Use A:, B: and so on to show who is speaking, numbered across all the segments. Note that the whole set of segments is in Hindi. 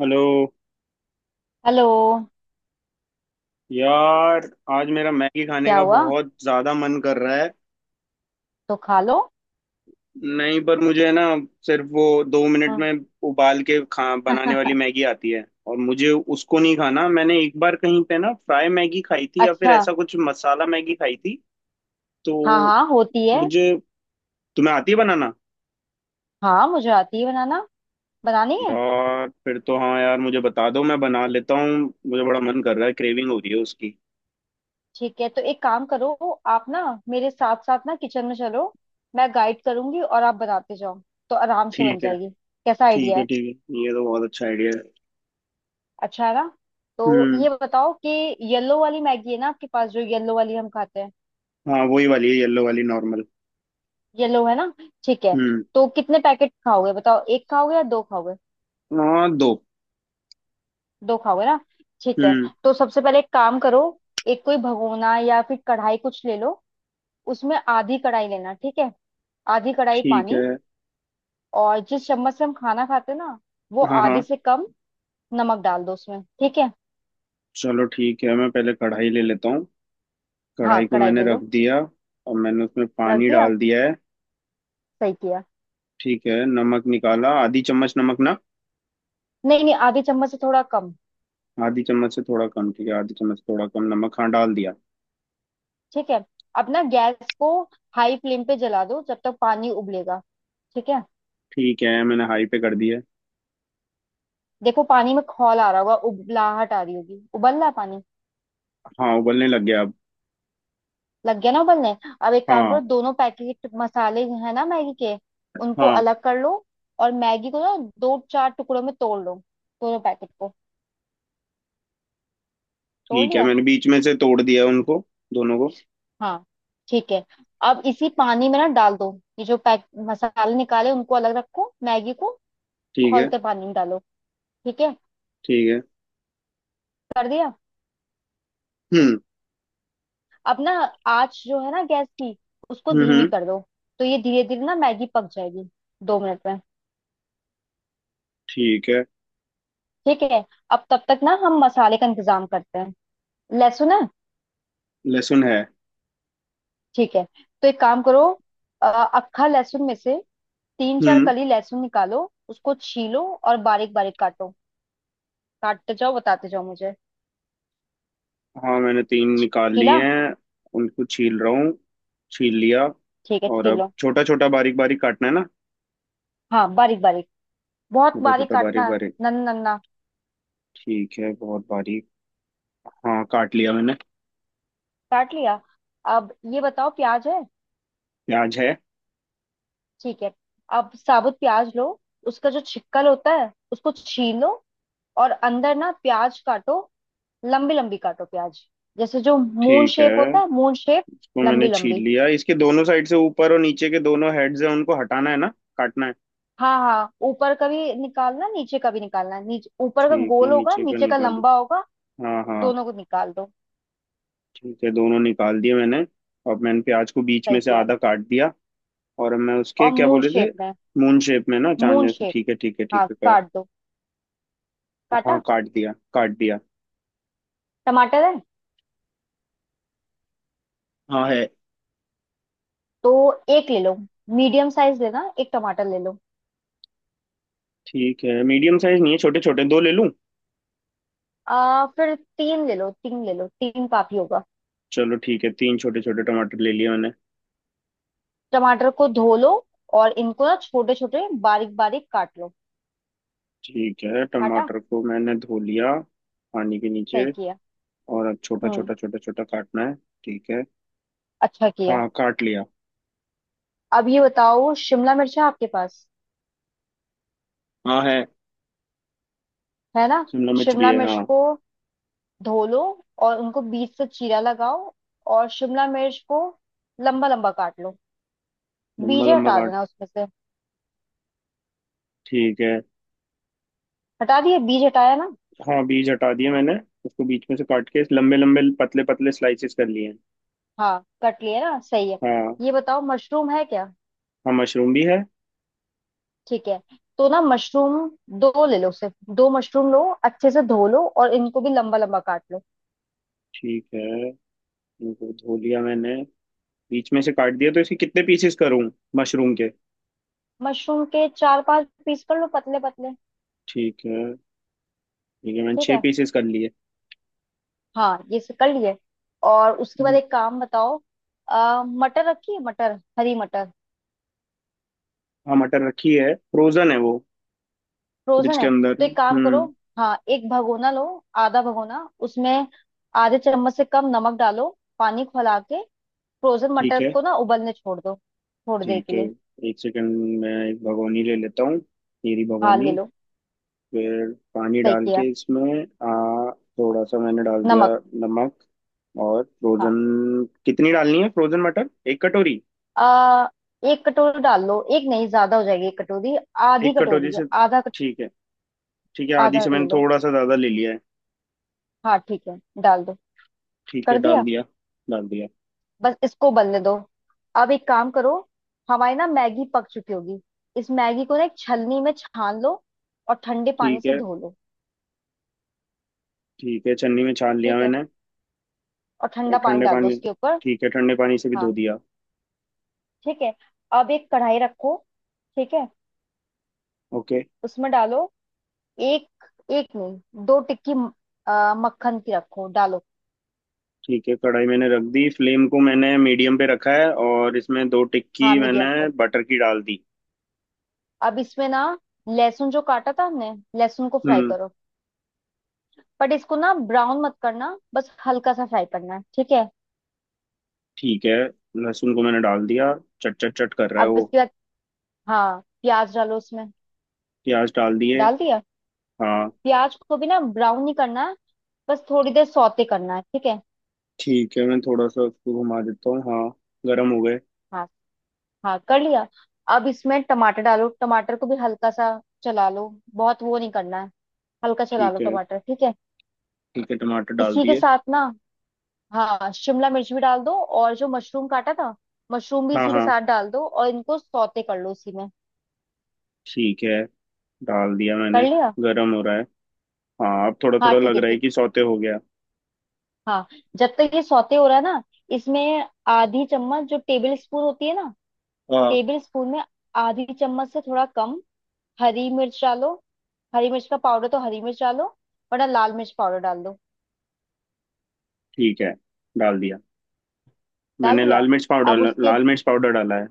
A: Hello
B: hello.
A: यार। आज मेरा मैगी खाने
B: क्या
A: का
B: हुआ?
A: बहुत ज्यादा मन कर रहा है।
B: तो खा लो।
A: नहीं, पर मुझे ना सिर्फ वो 2 मिनट
B: हाँ।
A: में उबाल के खा बनाने वाली मैगी आती है और मुझे उसको नहीं खाना। मैंने एक बार कहीं पे ना फ्राई मैगी खाई थी या फिर
B: अच्छा।
A: ऐसा कुछ मसाला मैगी खाई थी। तो
B: हाँ हाँ, होती है।
A: मुझे तुम्हें आती है बनाना?
B: हाँ, मुझे आती है बनाना। बनानी है?
A: यार, फिर तो हाँ यार मुझे बता दो, मैं बना लेता हूँ। मुझे बड़ा मन कर रहा है, क्रेविंग हो रही है उसकी।
B: ठीक है। तो एक काम करो, आप ना मेरे साथ साथ ना किचन में चलो। मैं गाइड करूंगी और आप बनाते जाओ। तो आराम से बन
A: ठीक है
B: जाएगी। कैसा
A: ठीक
B: आइडिया
A: है
B: है?
A: ठीक है, ये तो बहुत अच्छा आइडिया है।
B: अच्छा है ना? तो
A: हम्म।
B: ये बताओ कि येलो वाली मैगी है ना आपके पास, जो येलो वाली हम खाते हैं।
A: हाँ वही वाली है, येलो वाली नॉर्मल।
B: येलो है ना? ठीक है।
A: हम्म।
B: तो कितने पैकेट खाओगे बताओ, एक खाओगे या दो खाओगे?
A: हाँ, दो।
B: दो खाओगे ना? ठीक है।
A: हम्म।
B: तो सबसे पहले एक काम करो, एक कोई भगोना या फिर कढ़ाई कुछ ले लो। उसमें आधी कढ़ाई लेना ठीक है। आधी कढ़ाई
A: ठीक
B: पानी।
A: है।
B: और जिस चम्मच से हम खाना खाते हैं ना, वो
A: हाँ
B: आधी
A: हाँ।
B: से कम नमक डाल दो उसमें। ठीक है,
A: चलो ठीक है, मैं पहले कढ़ाई ले लेता हूँ।
B: हाँ
A: कढ़ाई को
B: कढ़ाई
A: मैंने
B: ले
A: रख
B: लो।
A: दिया। और मैंने उसमें
B: रख
A: पानी
B: दिया,
A: डाल दिया है।
B: सही किया।
A: ठीक है, नमक निकाला, आधी चम्मच नमक ना?
B: नहीं नहीं, आधी चम्मच से थोड़ा कम।
A: आधी चम्मच से थोड़ा कम, ठीक है, आधी चम्मच से थोड़ा कम नमक, हाँ डाल दिया।
B: ठीक है। अब ना गैस को हाई फ्लेम पे जला दो, जब तक पानी उबलेगा। ठीक है।
A: ठीक है, मैंने हाई पे कर दिया।
B: देखो पानी में खौल आ रहा होगा, उबलाहट आ रही होगी, उबल रहा है पानी।
A: हाँ, उबलने लग गया अब।
B: लग गया ना उबलने? अब एक काम
A: हाँ
B: करो, दोनों पैकेट मसाले है ना मैगी के, उनको
A: हाँ।
B: अलग कर लो। और मैगी को ना दो चार टुकड़ों में तोड़ लो, दोनों पैकेट को। तोड़
A: ठीक है,
B: लिया।
A: मैंने बीच में से तोड़ दिया उनको, दोनों को।
B: हाँ, ठीक है। अब इसी पानी में ना डाल दो। ये जो पैक मसाले निकाले उनको अलग रखो, मैगी को
A: ठीक है।
B: खौलते पानी में डालो। ठीक है,
A: ठीक है।
B: कर दिया।
A: हम्म
B: अब ना आँच जो है ना गैस की, उसको धीमी
A: हम्म।
B: कर दो। तो ये धीरे धीरे ना मैगी पक जाएगी 2 मिनट में।
A: ठीक है।
B: ठीक है। अब तब तक ना हम मसाले का इंतजाम करते हैं। लहसुन है?
A: लहसुन है।
B: ठीक है। तो एक काम करो, अक्खा लहसुन में से तीन चार
A: हम्म।
B: कली लहसुन निकालो। उसको छीलो और बारीक बारीक काटो। काटते जाओ बताते जाओ मुझे।
A: हाँ, मैंने तीन निकाल
B: छीला?
A: लिए हैं। उनको छील रहा हूँ। छील लिया।
B: ठीक है,
A: और अब
B: छीलो।
A: छोटा छोटा बारीक बारीक काटना है ना?
B: हाँ बारीक बारीक, बहुत
A: छोटा
B: बारीक
A: छोटा बारीक
B: काटना।
A: बारीक।
B: नन्ना नन्ना।
A: ठीक है, बहुत बारीक। हाँ, काट लिया मैंने।
B: काट लिया? अब ये बताओ प्याज है?
A: प्याज है।
B: ठीक है। अब साबुत प्याज लो, उसका जो छिक्कल होता है उसको छीलो और अंदर ना प्याज काटो। लंबी लंबी काटो प्याज, जैसे जो मून
A: ठीक
B: शेप होता
A: है,
B: है, मून शेप।
A: इसको मैंने
B: लंबी
A: छील
B: लंबी।
A: लिया। इसके दोनों साइड से ऊपर और नीचे के दोनों हेड्स हैं, उनको हटाना है ना? काटना है।
B: हाँ हाँ, ऊपर का भी निकालना नीचे का भी निकालना। नीचे ऊपर का
A: ठीक है,
B: गोल होगा
A: नीचे का
B: नीचे का
A: निकाली।
B: लंबा होगा।
A: हाँ हाँ।
B: दोनों को निकाल दो।
A: ठीक है, दोनों निकाल दिए मैंने। अब मैंने प्याज को बीच में
B: सही
A: से
B: किया।
A: आधा काट दिया। और मैं उसके,
B: और
A: क्या
B: मून
A: बोले थे?
B: शेप में,
A: मून शेप में ना, चांद
B: मून
A: जैसे।
B: शेप।
A: ठीक है ठीक है ठीक
B: हाँ
A: है।
B: काट दो। काटा?
A: हाँ काट दिया काट दिया।
B: टमाटर है?
A: हाँ है।
B: तो एक ले लो, मीडियम साइज लेना, एक टमाटर ले लो।
A: ठीक है, मीडियम साइज नहीं है, छोटे छोटे दो ले लूं?
B: आ फिर तीन ले लो, तीन ले लो, तीन काफी होगा।
A: चलो ठीक है, तीन छोटे छोटे टमाटर ले लिए मैंने।
B: टमाटर को धो लो और इनको ना छोटे छोटे बारीक बारीक काट लो।
A: ठीक है,
B: काटा?
A: टमाटर को मैंने धो लिया पानी के नीचे।
B: सही किया।
A: और अब छोटा
B: हम्म।
A: छोटा छोटा छोटा काटना है। ठीक है।
B: अच्छा किया।
A: हाँ, काट लिया।
B: अब ये बताओ शिमला मिर्च है आपके पास?
A: हाँ है।
B: है ना?
A: शिमला मिर्च भी
B: शिमला
A: है,
B: मिर्च
A: हाँ।
B: को धो लो और उनको बीच से चीरा लगाओ। और शिमला मिर्च को लंबा लंबा काट लो।
A: लम्बा
B: बीज
A: लम्बा
B: हटा
A: काट।
B: देना उसमें से।
A: ठीक है।
B: हटा दिए? बीज हटाया ना?
A: हाँ, बीज हटा दिए मैंने, उसको बीच में से काट के लंबे लंबे पतले पतले स्लाइसेस कर लिए हैं।
B: हाँ कट लिया ना, सही है।
A: हाँ।
B: ये बताओ मशरूम है क्या?
A: हाँ, मशरूम भी है।
B: ठीक है। तो ना मशरूम दो ले लो सिर्फ। दो मशरूम लो, अच्छे से धो लो और इनको भी लंबा लंबा काट लो।
A: ठीक है, इनको धो लिया मैंने, बीच में से काट दिया, तो इसके कितने पीसेस करूं, मशरूम के?
B: मशरूम के चार पांच पीस कर लो, पतले पतले।
A: ठीक है। ठीक है, मैंने
B: ठीक
A: छह
B: है।
A: पीसेस कर लिए।
B: हाँ ये से कर लिए। और उसके बाद
A: हम्म,
B: एक काम बताओ। मटर रखी है? मटर, हरी मटर,
A: हाँ, मटर रखी है, फ्रोजन है वो, फ्रिज
B: फ्रोजन
A: के
B: है?
A: अंदर।
B: तो एक काम करो,
A: हम्म।
B: हाँ एक भगोना लो। आधा भगोना उसमें आधे चम्मच से कम नमक डालो। पानी खौला के फ्रोजन
A: ठीक
B: मटर
A: है।
B: को ना उबलने छोड़ दो थोड़ी देर
A: ठीक
B: के
A: है,
B: लिए।
A: एक सेकंड मैं एक भगोनी ले लेता हूँ, मेरी
B: हाँ ले
A: भगोनी।
B: लो।
A: फिर पानी
B: सही
A: डाल
B: किया।
A: के इसमें। आ, थोड़ा सा मैंने डाल दिया।
B: नमक।
A: नमक। और
B: हाँ।
A: फ्रोजन। कितनी डालनी है फ्रोजन मटर, एक कटोरी?
B: आ, एक कटोरी डाल लो। एक नहीं, ज्यादा हो जाएगी। एक कटोरी, आधी
A: एक कटोरी
B: कटोरी।
A: से।
B: आधा कट-
A: ठीक है, ठीक है, आधी
B: आधा
A: से
B: ले
A: मैंने
B: लो।
A: थोड़ा सा ज्यादा ले लिया है।
B: हाँ ठीक है, डाल दो।
A: ठीक है,
B: कर
A: डाल
B: दिया।
A: दिया। डाल दिया।
B: बस इसको बनने दो। अब एक काम करो, हमारी ना मैगी पक चुकी होगी। इस मैगी को ना एक छलनी में छान लो और ठंडे पानी
A: ठीक
B: से
A: है।
B: धो लो।
A: ठीक है, छन्नी में छान लिया
B: ठीक है।
A: मैंने।
B: और
A: और
B: ठंडा पानी
A: ठंडे
B: डाल दो
A: पानी।
B: उसके ऊपर।
A: ठीक है, ठंडे पानी से भी धो
B: हाँ
A: दिया।
B: ठीक है। अब एक कढ़ाई रखो। ठीक है।
A: ओके।
B: उसमें डालो एक, एक नहीं दो टिक्की मक्खन की रखो डालो।
A: ठीक है, कढ़ाई मैंने रख दी, फ्लेम को मैंने मीडियम पे रखा है, और इसमें दो
B: हाँ
A: टिक्की
B: मीडियम
A: मैंने
B: पे।
A: बटर की डाल दी।
B: अब इसमें ना लहसुन जो काटा था हमने, लहसुन को फ्राई
A: हम्म।
B: करो। बट इसको ना ब्राउन मत करना, बस हल्का सा फ्राई करना है। ठीक है।
A: ठीक है, लहसुन को मैंने डाल दिया, चट चट चट कर रहा है
B: अब
A: वो।
B: इसके बाद हाँ प्याज डालो उसमें।
A: प्याज डाल दिए।
B: डाल दिया?
A: हाँ।
B: प्याज को भी ना ब्राउन नहीं करना है, बस थोड़ी देर सौते करना है। ठीक है।
A: ठीक है, मैं थोड़ा सा उसको घुमा देता हूँ, हाँ। गर्म हो गए।
B: हाँ हाँ, कर लिया। अब इसमें टमाटर डालो, टमाटर को भी हल्का सा चला लो। बहुत वो नहीं करना है, हल्का चला
A: ठीक
B: लो
A: है।
B: टमाटर। ठीक है।
A: ठीक है, टमाटर डाल
B: इसी के
A: दिए।
B: साथ ना, हाँ शिमला मिर्च भी डाल दो और जो मशरूम काटा था, मशरूम भी
A: हाँ
B: इसी के
A: हाँ।
B: साथ डाल दो और इनको सौते कर लो इसी में।
A: ठीक है, डाल दिया
B: कर
A: मैंने।
B: लिया?
A: गर्म हो रहा है। हाँ, अब थोड़ा
B: हाँ,
A: थोड़ा
B: ठीक
A: लग
B: है।
A: रहा है कि सौते हो गया।
B: हाँ। जब तक ये सौते हो रहा है ना, इसमें आधी चम्मच जो टेबल स्पून होती है ना,
A: हाँ।
B: टेबल स्पून में आधी चम्मच से थोड़ा कम हरी मिर्च डालो। हरी मिर्च का पाउडर, तो हरी मिर्च डालो, वरना लाल मिर्च पाउडर डाल दो।
A: ठीक है, डाल दिया
B: डाल
A: मैंने
B: दिया?
A: लाल मिर्च
B: अब
A: पाउडर।
B: उसके,
A: लाल मिर्च पाउडर डाला है।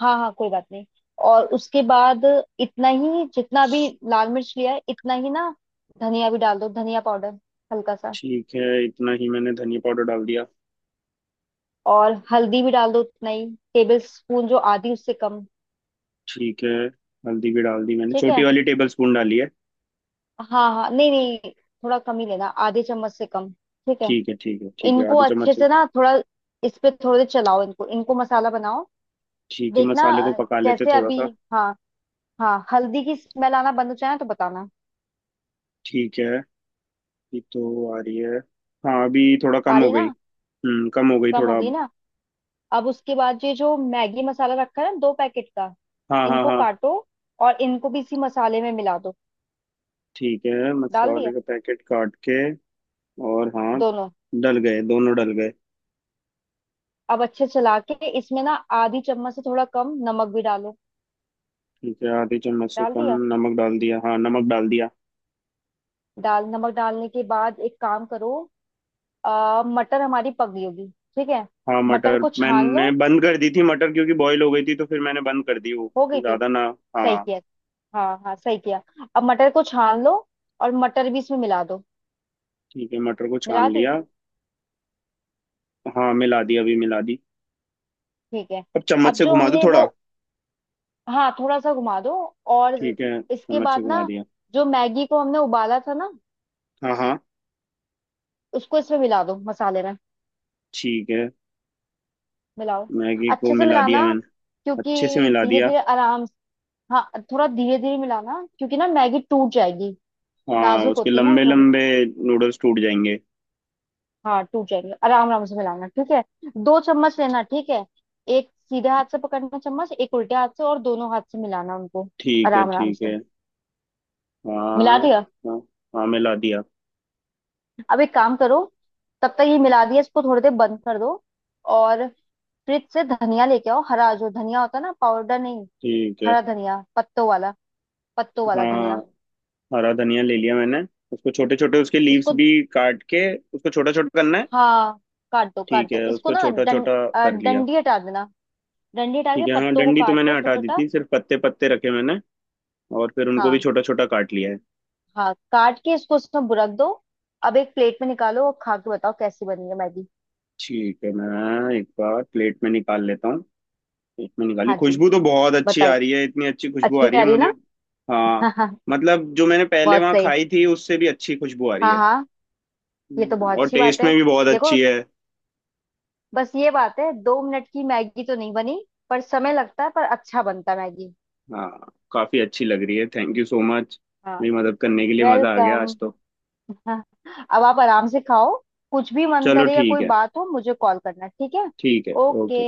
B: हाँ हाँ कोई बात नहीं। और उसके बाद इतना ही, जितना भी लाल मिर्च लिया है इतना ही ना, धनिया भी डाल दो, धनिया पाउडर हल्का सा।
A: ठीक है, इतना ही मैंने धनिया पाउडर डाल दिया।
B: और हल्दी भी डाल दो उतना ही, टेबल स्पून जो आधी उससे कम।
A: ठीक है, हल्दी भी डाल दी मैंने,
B: ठीक
A: छोटी
B: है।
A: वाली टेबल स्पून डाली है।
B: हाँ हाँ नहीं नहीं, थोड़ा कम ही लेना, आधे चम्मच से कम। ठीक है।
A: ठीक है ठीक है ठीक है,
B: इनको
A: आधे
B: अच्छे
A: चम्मच से।
B: से ना थोड़ा इस पे थोड़े देर चलाओ, इनको इनको मसाला बनाओ।
A: ठीक है,
B: देखना
A: मसाले को पका लेते
B: जैसे
A: थोड़ा
B: अभी,
A: सा।
B: हाँ हाँ, हल्दी की स्मेल आना बंद हो जाए ना तो बताना।
A: ठीक है। ये तो आ रही है। हाँ, अभी थोड़ा
B: आ
A: कम हो
B: रही ना?
A: गई, कम हो गई
B: कम हो
A: थोड़ा
B: गई
A: अब।
B: ना? अब उसके बाद ये जो मैगी मसाला रखा है ना दो पैकेट का,
A: हाँ हाँ
B: इनको
A: हाँ।
B: काटो और इनको भी इसी मसाले में मिला दो।
A: ठीक है,
B: डाल
A: मसाले
B: दिया?
A: का पैकेट काट के। और हाँ।
B: दोनों?
A: डल गए, दोनों डल गए।
B: अब अच्छे चला के इसमें ना आधी चम्मच से थोड़ा कम नमक भी डालो।
A: ठीक है, आधे चम्मच से
B: डाल
A: कम।
B: दिया?
A: नमक डाल दिया, हाँ नमक डाल दिया।
B: डाल, नमक डालने के बाद एक काम करो, मटर हमारी पक गई होगी। ठीक है,
A: हाँ,
B: मटर
A: मटर
B: को छान
A: मैंने
B: लो।
A: बंद कर दी थी मटर, क्योंकि बॉईल हो गई थी तो फिर मैंने बंद कर दी वो,
B: हो गई थी?
A: ज्यादा ना।
B: सही
A: हाँ।
B: किया। हाँ हाँ सही किया। अब मटर को छान लो और मटर भी इसमें मिला दो।
A: ठीक है, मटर को छान
B: मिला दी?
A: लिया। हाँ मिला दी, अभी मिला दी।
B: ठीक है।
A: अब चम्मच
B: अब
A: से
B: जो
A: घुमा दूँ
B: हमने वो,
A: थोड़ा?
B: हाँ थोड़ा सा घुमा दो। और
A: ठीक है,
B: इसके
A: चम्मच से
B: बाद
A: घुमा
B: ना
A: दिया।
B: जो मैगी को हमने उबाला था ना,
A: हाँ हाँ।
B: उसको इसमें मिला दो, मसाले में
A: ठीक है,
B: मिलाओ।
A: मैगी को
B: अच्छे से
A: मिला दिया
B: मिलाना,
A: मैंने।
B: क्योंकि
A: अच्छे से मिला
B: धीरे
A: दिया।
B: धीरे आराम हाँ, थोड़ा धीरे धीरे मिलाना क्योंकि ना मैगी टूट जाएगी,
A: हाँ,
B: नाजुक
A: उसके
B: होती ना वो
A: लंबे
B: थोड़ी।
A: लंबे नूडल्स टूट जाएंगे।
B: हाँ टूट जाएंगे, आराम आराम से मिलाना। ठीक है, दो चम्मच लेना। ठीक है, एक सीधे हाथ से पकड़ना चम्मच, एक उल्टे हाथ से, और दोनों हाथ से मिलाना उनको
A: ठीक है
B: आराम आराम
A: ठीक
B: से।
A: है।
B: मिला
A: हाँ
B: दिया?
A: हाँ हाँ, मिला दिया।
B: अब एक काम करो, तब तक ये मिला दिया इसको थोड़ी देर बंद कर दो। और फ्रिज से धनिया लेके आओ, हरा जो धनिया होता है ना, पाउडर नहीं,
A: ठीक है।
B: हरा धनिया पत्तों वाला, पत्तों वाला
A: हाँ,
B: धनिया।
A: हरा धनिया ले लिया मैंने, उसको छोटे छोटे, उसके लीव्स
B: इसको
A: भी काट के, उसको छोटा छोटा करना है।
B: हाँ काट दो, काट
A: ठीक है,
B: दो इसको
A: उसको
B: ना
A: छोटा छोटा कर लिया।
B: डंडी हटा देना। डंडी हटा के
A: ठीक है, हाँ,
B: पत्तों को
A: डंडी तो
B: काट लो
A: मैंने हटा
B: छोटा
A: दी
B: छोटा।
A: थी, सिर्फ पत्ते पत्ते रखे मैंने, और फिर उनको भी
B: हाँ
A: छोटा छोटा काट लिया है।
B: हाँ काट के इसको उसमें बुरक दो। अब एक प्लेट में निकालो और खा के बताओ कैसी बनी है मैगी।
A: ठीक है, मैं एक बार प्लेट में निकाल लेता हूँ। प्लेट में निकाली,
B: हाँ जी,
A: खुशबू तो बहुत अच्छी आ
B: बताइए।
A: रही है, इतनी अच्छी खुशबू आ
B: अच्छी
A: रही
B: आ
A: है
B: रही
A: मुझे।
B: ना?
A: हाँ।
B: हाँ।
A: मतलब जो मैंने पहले
B: बहुत
A: वहाँ
B: सही।
A: खाई थी उससे भी अच्छी खुशबू आ रही
B: हाँ
A: है।
B: हाँ। ये तो बहुत
A: और
B: अच्छी बात
A: टेस्ट
B: है।
A: में भी बहुत
B: देखो
A: अच्छी है।
B: बस ये बात है, 2 मिनट की मैगी तो नहीं बनी, पर समय लगता है पर अच्छा बनता है मैगी।
A: हाँ, काफी अच्छी लग रही है, थैंक यू सो मच
B: हाँ।
A: मेरी मदद करने के लिए, मजा आ गया
B: वेलकम।
A: आज तो।
B: अब आप आराम से खाओ। कुछ भी मन
A: चलो
B: करे या
A: ठीक
B: कोई
A: है,
B: बात हो मुझे कॉल करना। ठीक है।
A: ठीक है,
B: ओके।
A: ओके।